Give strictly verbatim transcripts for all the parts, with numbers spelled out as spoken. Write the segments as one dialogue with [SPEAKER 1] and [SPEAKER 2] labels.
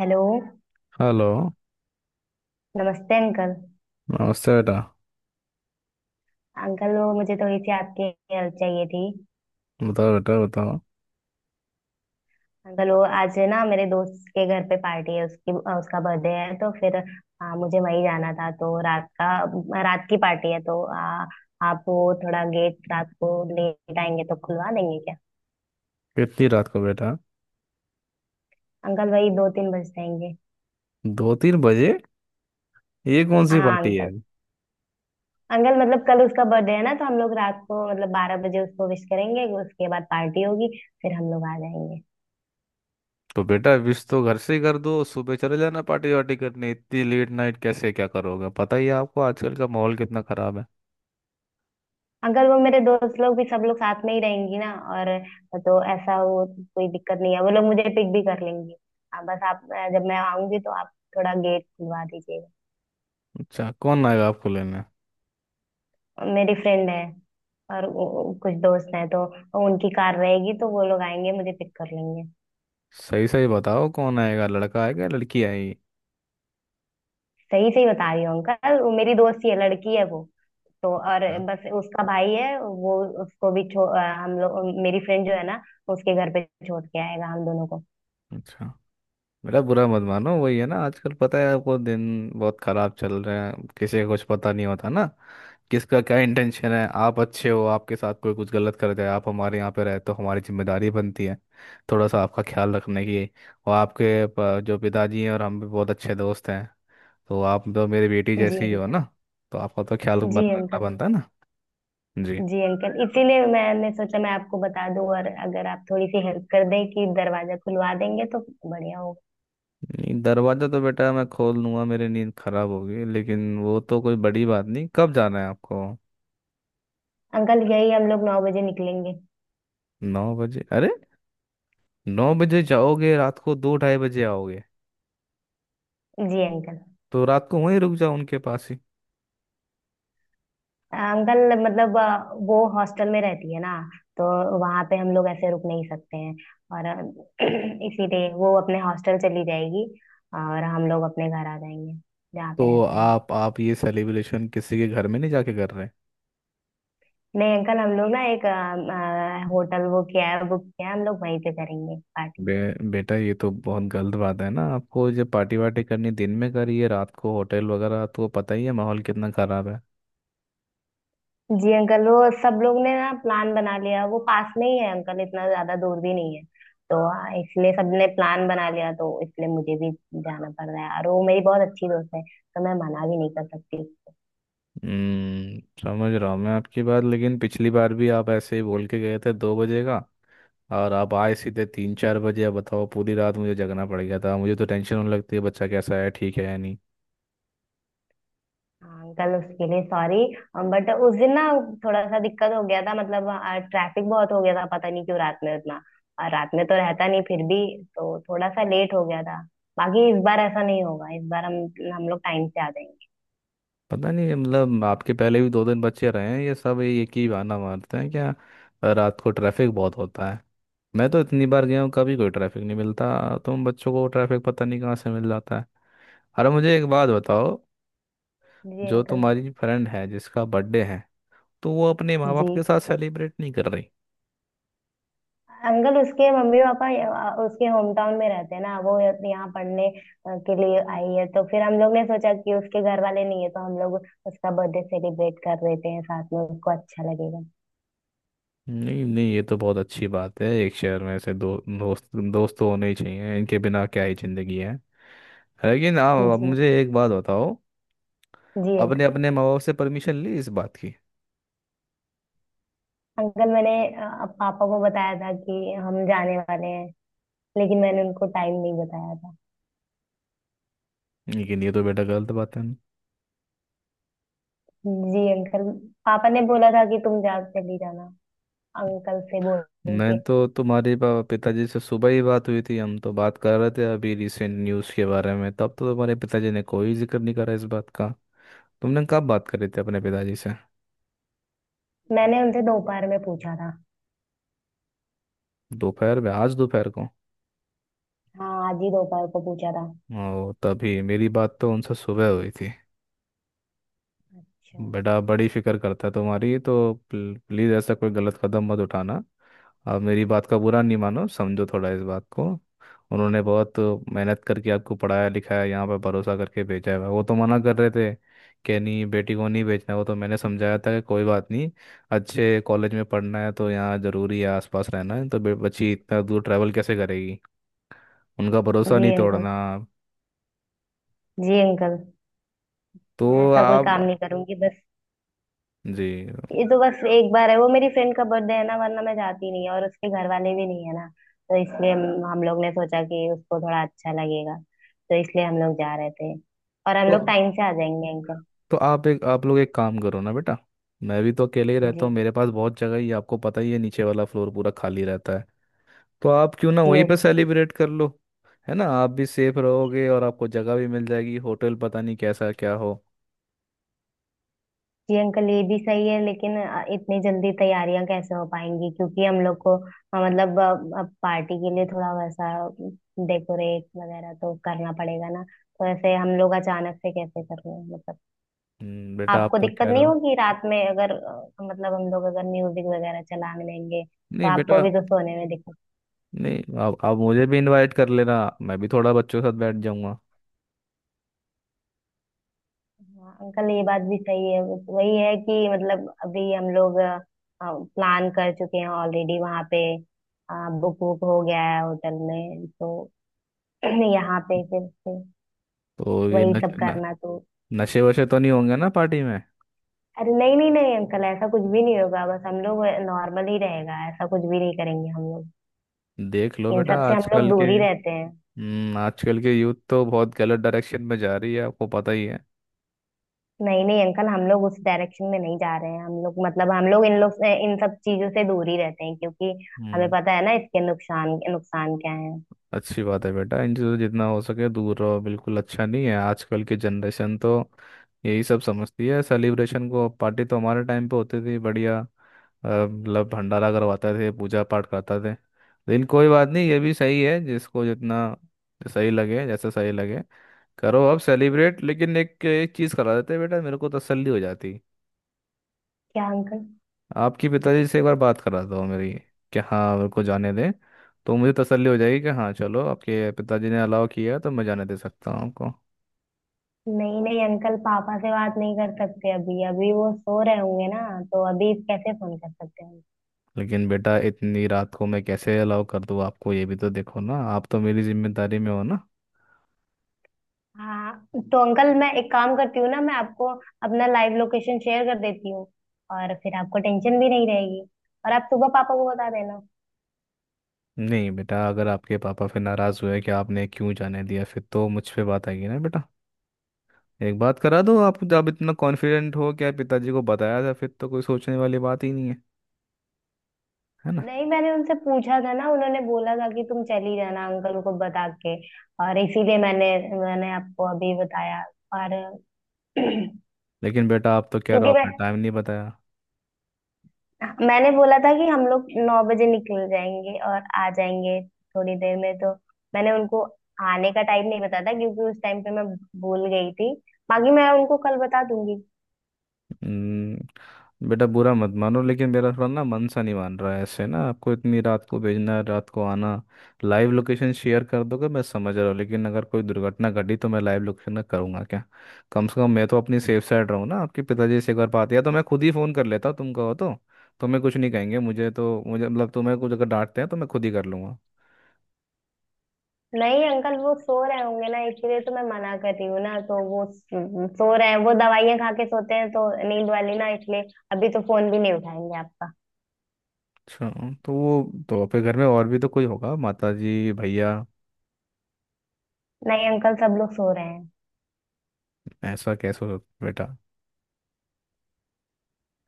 [SPEAKER 1] Hello.
[SPEAKER 2] Hello.
[SPEAKER 1] नमस्ते uncle.
[SPEAKER 2] नमस्ते बेटा।
[SPEAKER 1] अंकल, वो मुझे थोड़ी सी आपकी हेल्प चाहिए थी।
[SPEAKER 2] बताओ बेटा बताओ।
[SPEAKER 1] अंकल, वो आज ना मेरे दोस्त के घर पे पार्टी है, उसकी अ, उसका बर्थडे है, तो फिर आ, मुझे वहीं जाना था। तो रात का रात की पार्टी है, तो आ, आप वो थोड़ा गेट रात को लेट आएंगे तो खुलवा देंगे क्या?
[SPEAKER 2] कितनी रात को बेटा?
[SPEAKER 1] अंकल, वही दो तीन बज जाएंगे।
[SPEAKER 2] दो तीन बजे? ये कौन सी
[SPEAKER 1] हाँ
[SPEAKER 2] पार्टी है?
[SPEAKER 1] अंकल। अंकल मतलब कल उसका बर्थडे है ना, तो हम लोग रात को मतलब बारह बजे उसको विश करेंगे, उसके बाद पार्टी होगी, फिर हम लोग आ जाएंगे।
[SPEAKER 2] तो बेटा, विश तो घर से ही कर दो, सुबह चले जाना पार्टी वार्टी करने। इतनी लेट नाइट कैसे, क्या करोगे? पता ही है आपको, आजकल का माहौल कितना खराब है।
[SPEAKER 1] अगर वो, मेरे दोस्त लोग भी सब लोग साथ में ही रहेंगी ना, और तो ऐसा वो कोई दिक्कत नहीं है। वो लोग मुझे पिक भी कर लेंगी। आप बस, आप अ, जब मैं आऊंगी तो आप थोड़ा गेट खुलवा दीजिएगा।
[SPEAKER 2] अच्छा, कौन आएगा आपको लेने?
[SPEAKER 1] मेरी फ्रेंड है और वो- कुछ दोस्त हैं तो उनकी कार रहेगी, तो वो लोग आएंगे, मुझे पिक कर लेंगे।
[SPEAKER 2] सही सही बताओ, कौन आएगा, लड़का आएगा या लड़की आएगी?
[SPEAKER 1] सही सही बता रही हूँ अंकल, वो मेरी दोस्त ही है, लड़की है वो, तो और बस उसका भाई है वो। उसको भी छो अ, हम लोग मेरी फ्रेंड जो है ना, उसके घर पे छोड़ के आएगा हम दोनों को।
[SPEAKER 2] अच्छा। मेरा बुरा मत मानो, वही है ना, आजकल पता है आपको, दिन बहुत खराब चल रहे हैं, किसी को कुछ पता नहीं होता ना, किसका क्या इंटेंशन है। आप अच्छे हो, आपके साथ कोई कुछ गलत कर जाए, आप हमारे यहाँ पे रहे तो हमारी जिम्मेदारी बनती है थोड़ा सा आपका ख्याल रखने की। और आपके प- जो पिताजी हैं और हम भी बहुत अच्छे दोस्त हैं, तो आप तो मेरी बेटी
[SPEAKER 1] जी
[SPEAKER 2] जैसी ही हो
[SPEAKER 1] अंकल।
[SPEAKER 2] ना, तो आपका तो ख्याल बन
[SPEAKER 1] जी
[SPEAKER 2] रखना
[SPEAKER 1] अंकल।
[SPEAKER 2] बनता है ना। जी।
[SPEAKER 1] जी अंकल, इसीलिए मैंने सोचा मैं आपको बता दूं, और अगर आप थोड़ी सी हेल्प कर दें कि दरवाजा खुलवा देंगे तो बढ़िया होगा।
[SPEAKER 2] नहीं, दरवाज़ा तो बेटा मैं खोल लूंगा, मेरी नींद खराब होगी लेकिन वो तो कोई बड़ी बात नहीं। कब जाना है आपको?
[SPEAKER 1] अंकल, यही हम लोग नौ बजे निकलेंगे।
[SPEAKER 2] नौ बजे? अरे, नौ बजे जाओगे, रात को दो ढाई बजे आओगे?
[SPEAKER 1] जी अंकल।
[SPEAKER 2] तो रात को वहीं रुक जाओ उनके पास ही।
[SPEAKER 1] अंकल मतलब अ, वो हॉस्टल में रहती है ना, तो वहां पे हम लोग ऐसे रुक नहीं सकते हैं। और अ, इसीलिए वो अपने हॉस्टल चली जाएगी, और हम लोग अपने घर आ जाएंगे, जहाँ पे
[SPEAKER 2] तो
[SPEAKER 1] रहते हैं।
[SPEAKER 2] आप आप ये सेलिब्रेशन किसी के घर में नहीं जाके कर रहे?
[SPEAKER 1] नहीं अंकल, हम लोग ना एक होटल वो किया है बुक किया है, हम लोग वहीं पे करेंगे पार्टी।
[SPEAKER 2] बे, बेटा, ये तो बहुत गलत बात है ना, आपको जब पार्टी वार्टी करनी, दिन में करिए, रात को होटल वगैरह तो पता ही है माहौल कितना खराब है।
[SPEAKER 1] जी अंकल, वो सब लोग ने ना प्लान बना लिया। वो पास में ही है अंकल, इतना ज्यादा दूर भी नहीं है। तो हाँ, इसलिए सबने प्लान बना लिया, तो इसलिए मुझे भी जाना पड़ रहा है। और वो मेरी बहुत अच्छी दोस्त है, तो मैं मना भी नहीं कर सकती।
[SPEAKER 2] हम्म समझ रहा हूँ मैं आपकी बात, लेकिन पिछली बार भी आप ऐसे ही बोल के गए थे दो बजे का, और आप आए सीधे तीन चार बजे। अब बताओ, पूरी रात मुझे जगना पड़ गया था, मुझे तो टेंशन होने लगती है, बच्चा कैसा है, ठीक है या नहीं।
[SPEAKER 1] हाँ अंकल, उसके लिए सॉरी। बट उस दिन ना थोड़ा सा दिक्कत हो गया था, मतलब ट्रैफिक बहुत हो गया था। पता नहीं क्यों रात में उतना, और रात में तो रहता नहीं, फिर भी तो थोड़ा सा लेट हो गया था। बाकी इस बार ऐसा नहीं होगा। इस बार हम हम लोग टाइम से आ जाएंगे।
[SPEAKER 2] पता नहीं, मतलब आपके पहले भी दो दिन बच्चे रहे हैं, ये सब ये एक ही बहाना मारते हैं क्या? रात को ट्रैफिक बहुत होता है। मैं तो इतनी बार गया हूँ, कभी कोई ट्रैफिक नहीं मिलता। तुम बच्चों को ट्रैफिक पता नहीं कहाँ से मिल जाता है। अरे, मुझे एक बात बताओ।
[SPEAKER 1] जी
[SPEAKER 2] जो
[SPEAKER 1] अंकल।
[SPEAKER 2] तुम्हारी फ्रेंड है, जिसका बर्थडे है, तो वो अपने माँ बाप
[SPEAKER 1] जी
[SPEAKER 2] के साथ सेलिब्रेट नहीं कर रही?
[SPEAKER 1] अंकल, उसके मम्मी पापा यहाँ- उसके होम टाउन में रहते हैं ना, वो यहाँ पढ़ने अ, के लिए आई है। तो फिर हम लोग ने सोचा कि उसके घर वाले नहीं है, तो हम लोग उसका बर्थडे सेलिब्रेट कर देते हैं साथ में, उसको अच्छा लगेगा।
[SPEAKER 2] नहीं नहीं, ये तो बहुत अच्छी बात है, एक शहर में ऐसे दो दोस्त, दोस्त तो होने ही चाहिए, इनके बिना क्या ही जिंदगी है। लेकिन आप, अब
[SPEAKER 1] जी।
[SPEAKER 2] मुझे एक बात बताओ,
[SPEAKER 1] जी
[SPEAKER 2] अपने
[SPEAKER 1] अंकल।
[SPEAKER 2] अपने माँ बाप से परमिशन ली इस बात की?
[SPEAKER 1] अंकल मैंने अ, पापा को बताया था कि हम जाने वाले हैं, लेकिन मैंने उनको टाइम नहीं बताया था।
[SPEAKER 2] लेकिन ये तो बेटा गलत बात है ना।
[SPEAKER 1] जी अंकल, पापा ने बोला था कि तुम जा चली जाना अंकल से बोल
[SPEAKER 2] मैं
[SPEAKER 1] के।
[SPEAKER 2] तो तुम्हारे पा- पिताजी से सुबह ही बात हुई थी, हम तो बात कर रहे थे अभी रिसेंट न्यूज़ के बारे में, तब तो तुम्हारे पिताजी ने कोई जिक्र नहीं करा इस बात का। तुमने कब बात करी थी अपने पिताजी से?
[SPEAKER 1] मैंने उनसे दोपहर में पूछा था।
[SPEAKER 2] दोपहर में? आज दोपहर को?
[SPEAKER 1] हाँ, आज ही दोपहर को पूछा था।
[SPEAKER 2] ओ, तभी मेरी बात तो उनसे सुबह हुई थी।
[SPEAKER 1] अच्छा।
[SPEAKER 2] बेटा बड़ी फिक्र करता है तुम्हारी, तो प्ल- प्लीज़ ऐसा कोई गलत कदम मत उठाना। आप मेरी बात का बुरा नहीं मानो, समझो थोड़ा इस बात को। उन्होंने बहुत मेहनत करके आपको पढ़ाया लिखाया, यहाँ पर भरोसा करके भेजा है। वो तो मना कर रहे थे कि नहीं, बेटी को नहीं बेचना, वो तो मैंने समझाया था कि कोई बात नहीं, अच्छे कॉलेज में पढ़ना है तो यहाँ ज़रूरी है, आसपास रहना है तो बे- बच्ची इतना दूर ट्रैवल कैसे करेगी। उनका भरोसा नहीं
[SPEAKER 1] जी अंकल।
[SPEAKER 2] तोड़ना।
[SPEAKER 1] जी अंकल,
[SPEAKER 2] तो
[SPEAKER 1] मैं ऐसा कोई
[SPEAKER 2] आप।
[SPEAKER 1] काम नहीं करूंगी बस।
[SPEAKER 2] जी।
[SPEAKER 1] ये तो बस एक बार है, वो मेरी फ्रेंड का बर्थडे है ना, वरना मैं जाती नहीं है, और उसके घर वाले भी नहीं है ना। तो इसलिए हम हम लोग ने सोचा कि उसको थोड़ा अच्छा लगेगा, तो इसलिए हम लोग जा रहे थे। और हम लोग टाइम से आ जाएंगे अंकल।
[SPEAKER 2] तो आप, एक, आप लोग एक काम करो ना बेटा, मैं भी तो अकेले ही रहता हूँ,
[SPEAKER 1] जी।
[SPEAKER 2] मेरे पास बहुत जगह ही है, आपको पता ही है, नीचे वाला फ्लोर पूरा खाली रहता है। तो आप क्यों ना वहीं पे
[SPEAKER 1] जी।
[SPEAKER 2] सेलिब्रेट कर लो, है ना, आप भी सेफ रहोगे और आपको जगह भी मिल जाएगी, होटल पता नहीं कैसा क्या हो।
[SPEAKER 1] जी अंकल, ये भी सही है, लेकिन अ, इतनी जल्दी तैयारियां कैसे हो पाएंगी, क्योंकि हम लोग को अ, मतलब अ, अब पार्टी के लिए थोड़ा वैसा डेकोरेट वगैरह तो करना पड़ेगा ना। तो ऐसे हम लोग अचानक से कैसे कर लें मतलब।
[SPEAKER 2] हम्म, बेटा आप
[SPEAKER 1] आपको
[SPEAKER 2] तो
[SPEAKER 1] दिक्कत
[SPEAKER 2] कह रहे
[SPEAKER 1] नहीं
[SPEAKER 2] हो।
[SPEAKER 1] होगी रात में अगर अ, मतलब हम लोग अगर म्यूजिक वगैरह चला लेंगे तो
[SPEAKER 2] नहीं
[SPEAKER 1] आपको
[SPEAKER 2] बेटा,
[SPEAKER 1] भी तो सोने में दिक्कत।
[SPEAKER 2] नहीं, आप आप मुझे भी इनवाइट कर लेना, मैं भी थोड़ा बच्चों के साथ बैठ जाऊंगा।
[SPEAKER 1] हाँ अंकल, ये बात भी सही है। वही है कि मतलब अभी हम लोग प्लान कर चुके हैं ऑलरेडी, वहाँ पे बुक बुक हो गया है होटल में। तो यहाँ पे फिर से
[SPEAKER 2] तो ये
[SPEAKER 1] वही
[SPEAKER 2] नश,
[SPEAKER 1] सब
[SPEAKER 2] न,
[SPEAKER 1] करना तो।
[SPEAKER 2] नशे वशे तो नहीं होंगे ना पार्टी में?
[SPEAKER 1] अरे नहीं नहीं नहीं अंकल, ऐसा कुछ भी नहीं होगा। बस हम लोग नॉर्मल ही रहेगा, ऐसा कुछ भी नहीं करेंगे हम लोग।
[SPEAKER 2] देख लो
[SPEAKER 1] इन
[SPEAKER 2] बेटा
[SPEAKER 1] सब से हम लोग
[SPEAKER 2] आजकल के।
[SPEAKER 1] दूर ही रहते हैं।
[SPEAKER 2] हम्म आजकल के यूथ तो बहुत गलत डायरेक्शन में जा रही है, आपको पता ही है।
[SPEAKER 1] नहीं नहीं अंकल, हम लोग उस डायरेक्शन में नहीं जा रहे हैं। हम लोग मतलब हम लोग इन लोग से- इन सब चीजों से दूर ही रहते हैं, क्योंकि हमें
[SPEAKER 2] हम्म
[SPEAKER 1] पता है ना इसके नुकसान नुकसान क्या है।
[SPEAKER 2] अच्छी बात है बेटा, इनसे तो जितना हो सके दूर रहो, बिल्कुल अच्छा नहीं है आजकल की जनरेशन, तो यही सब समझती है सेलिब्रेशन को। पार्टी तो हमारे टाइम पे होती थी बढ़िया, अ, मतलब भंडारा करवाते थे, पूजा पाठ करते थे। लेकिन कोई बात नहीं, ये भी सही है, जिसको जितना सही लगे, जैसा सही लगे करो अब सेलिब्रेट। लेकिन एक एक चीज़ करा देते बेटा, मेरे को तसल्ली हो जाती।
[SPEAKER 1] क्या अंकल?
[SPEAKER 2] आपके पिताजी से एक बार बात करा दो मेरी, कि हाँ मेरे को जाने दें, तो मुझे तसल्ली हो जाएगी कि हाँ चलो आपके पिताजी ने अलाउ किया तो मैं जाने दे सकता हूँ आपको।
[SPEAKER 1] नहीं नहीं अंकल, पापा से बात नहीं कर सकते अभी, अभी वो सो रहे होंगे ना, तो अभी कैसे फोन कर सकते हैं?
[SPEAKER 2] लेकिन बेटा इतनी रात को मैं कैसे अलाउ कर दूँ आपको, ये भी तो देखो ना, आप तो मेरी जिम्मेदारी में हो ना।
[SPEAKER 1] हाँ तो अंकल, मैं एक काम करती हूँ ना, मैं आपको अपना लाइव लोकेशन शेयर कर देती हूँ, और फिर आपको टेंशन भी नहीं रहेगी, और आप सुबह पापा को बता देना।
[SPEAKER 2] नहीं बेटा, अगर आपके पापा फिर नाराज़ हुए कि आपने क्यों जाने दिया, फिर तो मुझ पे बात आएगी ना बेटा। एक बात करा दो, आप जब इतना कॉन्फिडेंट हो कि आप पिताजी को बताया था, फिर तो कोई सोचने वाली बात ही नहीं है, है ना?
[SPEAKER 1] नहीं, मैंने उनसे पूछा था ना, उन्होंने बोला था कि तुम चली जाना अंकल को बता के, और इसीलिए मैंने मैंने आपको अभी बताया। और
[SPEAKER 2] लेकिन बेटा आप तो कह रहे हो
[SPEAKER 1] क्योंकि मैं
[SPEAKER 2] आपने टाइम नहीं बताया।
[SPEAKER 1] मैंने बोला था कि हम लोग नौ बजे निकल जाएंगे और आ जाएंगे थोड़ी देर में। तो मैंने उनको आने का टाइम नहीं बताया था, क्योंकि उस टाइम पे मैं भूल गई थी। बाकी मैं उनको कल बता दूंगी।
[SPEAKER 2] हम्म, बेटा बुरा मत मानो, लेकिन मेरा थोड़ा ना मन सा नहीं मान रहा है ऐसे ना, आपको इतनी रात को भेजना, रात को आना। लाइव लोकेशन शेयर कर दोगे, मैं समझ रहा हूँ, लेकिन अगर कोई दुर्घटना घटी तो मैं लाइव लोकेशन का करूँगा क्या? कम से कम मैं तो अपनी सेफ साइड रहूँ ना, आपके पिताजी से एक बार बात, या तो मैं खुद ही फ़ोन कर लेता, तुम कहो तो। तुम्हें कुछ नहीं कहेंगे, मुझे तो मुझे मतलब तुम्हें कुछ अगर डांटते हैं तो मैं खुद ही कर लूँगा।
[SPEAKER 1] नहीं अंकल, वो सो रहे होंगे ना, इसलिए तो मैं मना कर रही हूँ ना। तो वो स- सो रहे हैं, वो दवाइयां खा के सोते हैं, तो नींद वाली ना, इसलिए अभी तो फोन भी नहीं उठाएंगे आपका।
[SPEAKER 2] अच्छा। तो वो तो आपके घर में और भी तो कोई होगा, माता जी, भैया?
[SPEAKER 1] नहीं अंकल, सब लोग सो रहे हैं,
[SPEAKER 2] ऐसा कैसे हो सकता है बेटा।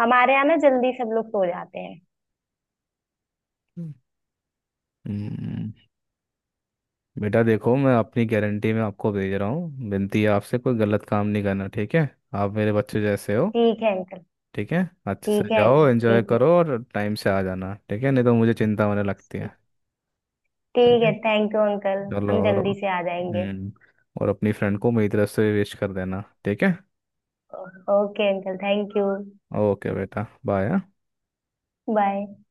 [SPEAKER 1] हमारे यहाँ ना जल्दी सब लोग सो जाते हैं।
[SPEAKER 2] हम्म बेटा देखो, मैं अपनी गारंटी में आपको भेज रहा हूँ, विनती है आपसे, कोई गलत काम नहीं करना, ठीक है? आप मेरे बच्चे जैसे हो।
[SPEAKER 1] ठीक है अंकल।
[SPEAKER 2] ठीक है, अच्छे से
[SPEAKER 1] ठीक है
[SPEAKER 2] जाओ,
[SPEAKER 1] अंकल।
[SPEAKER 2] एंजॉय
[SPEAKER 1] ठीक
[SPEAKER 2] करो और टाइम से आ जाना ठीक है, नहीं तो मुझे चिंता होने लगती
[SPEAKER 1] है।
[SPEAKER 2] है।
[SPEAKER 1] ठीक
[SPEAKER 2] ठीक है।
[SPEAKER 1] है, थैंक यू अंकल।
[SPEAKER 2] चलो,
[SPEAKER 1] हम
[SPEAKER 2] और
[SPEAKER 1] जल्दी से आ जाएंगे।
[SPEAKER 2] हम्म और अपनी फ्रेंड को मेरी तरफ से विश कर देना, ठीक है?
[SPEAKER 1] Okay uncle, thank you.
[SPEAKER 2] Okay बेटा, बाय।
[SPEAKER 1] बाय।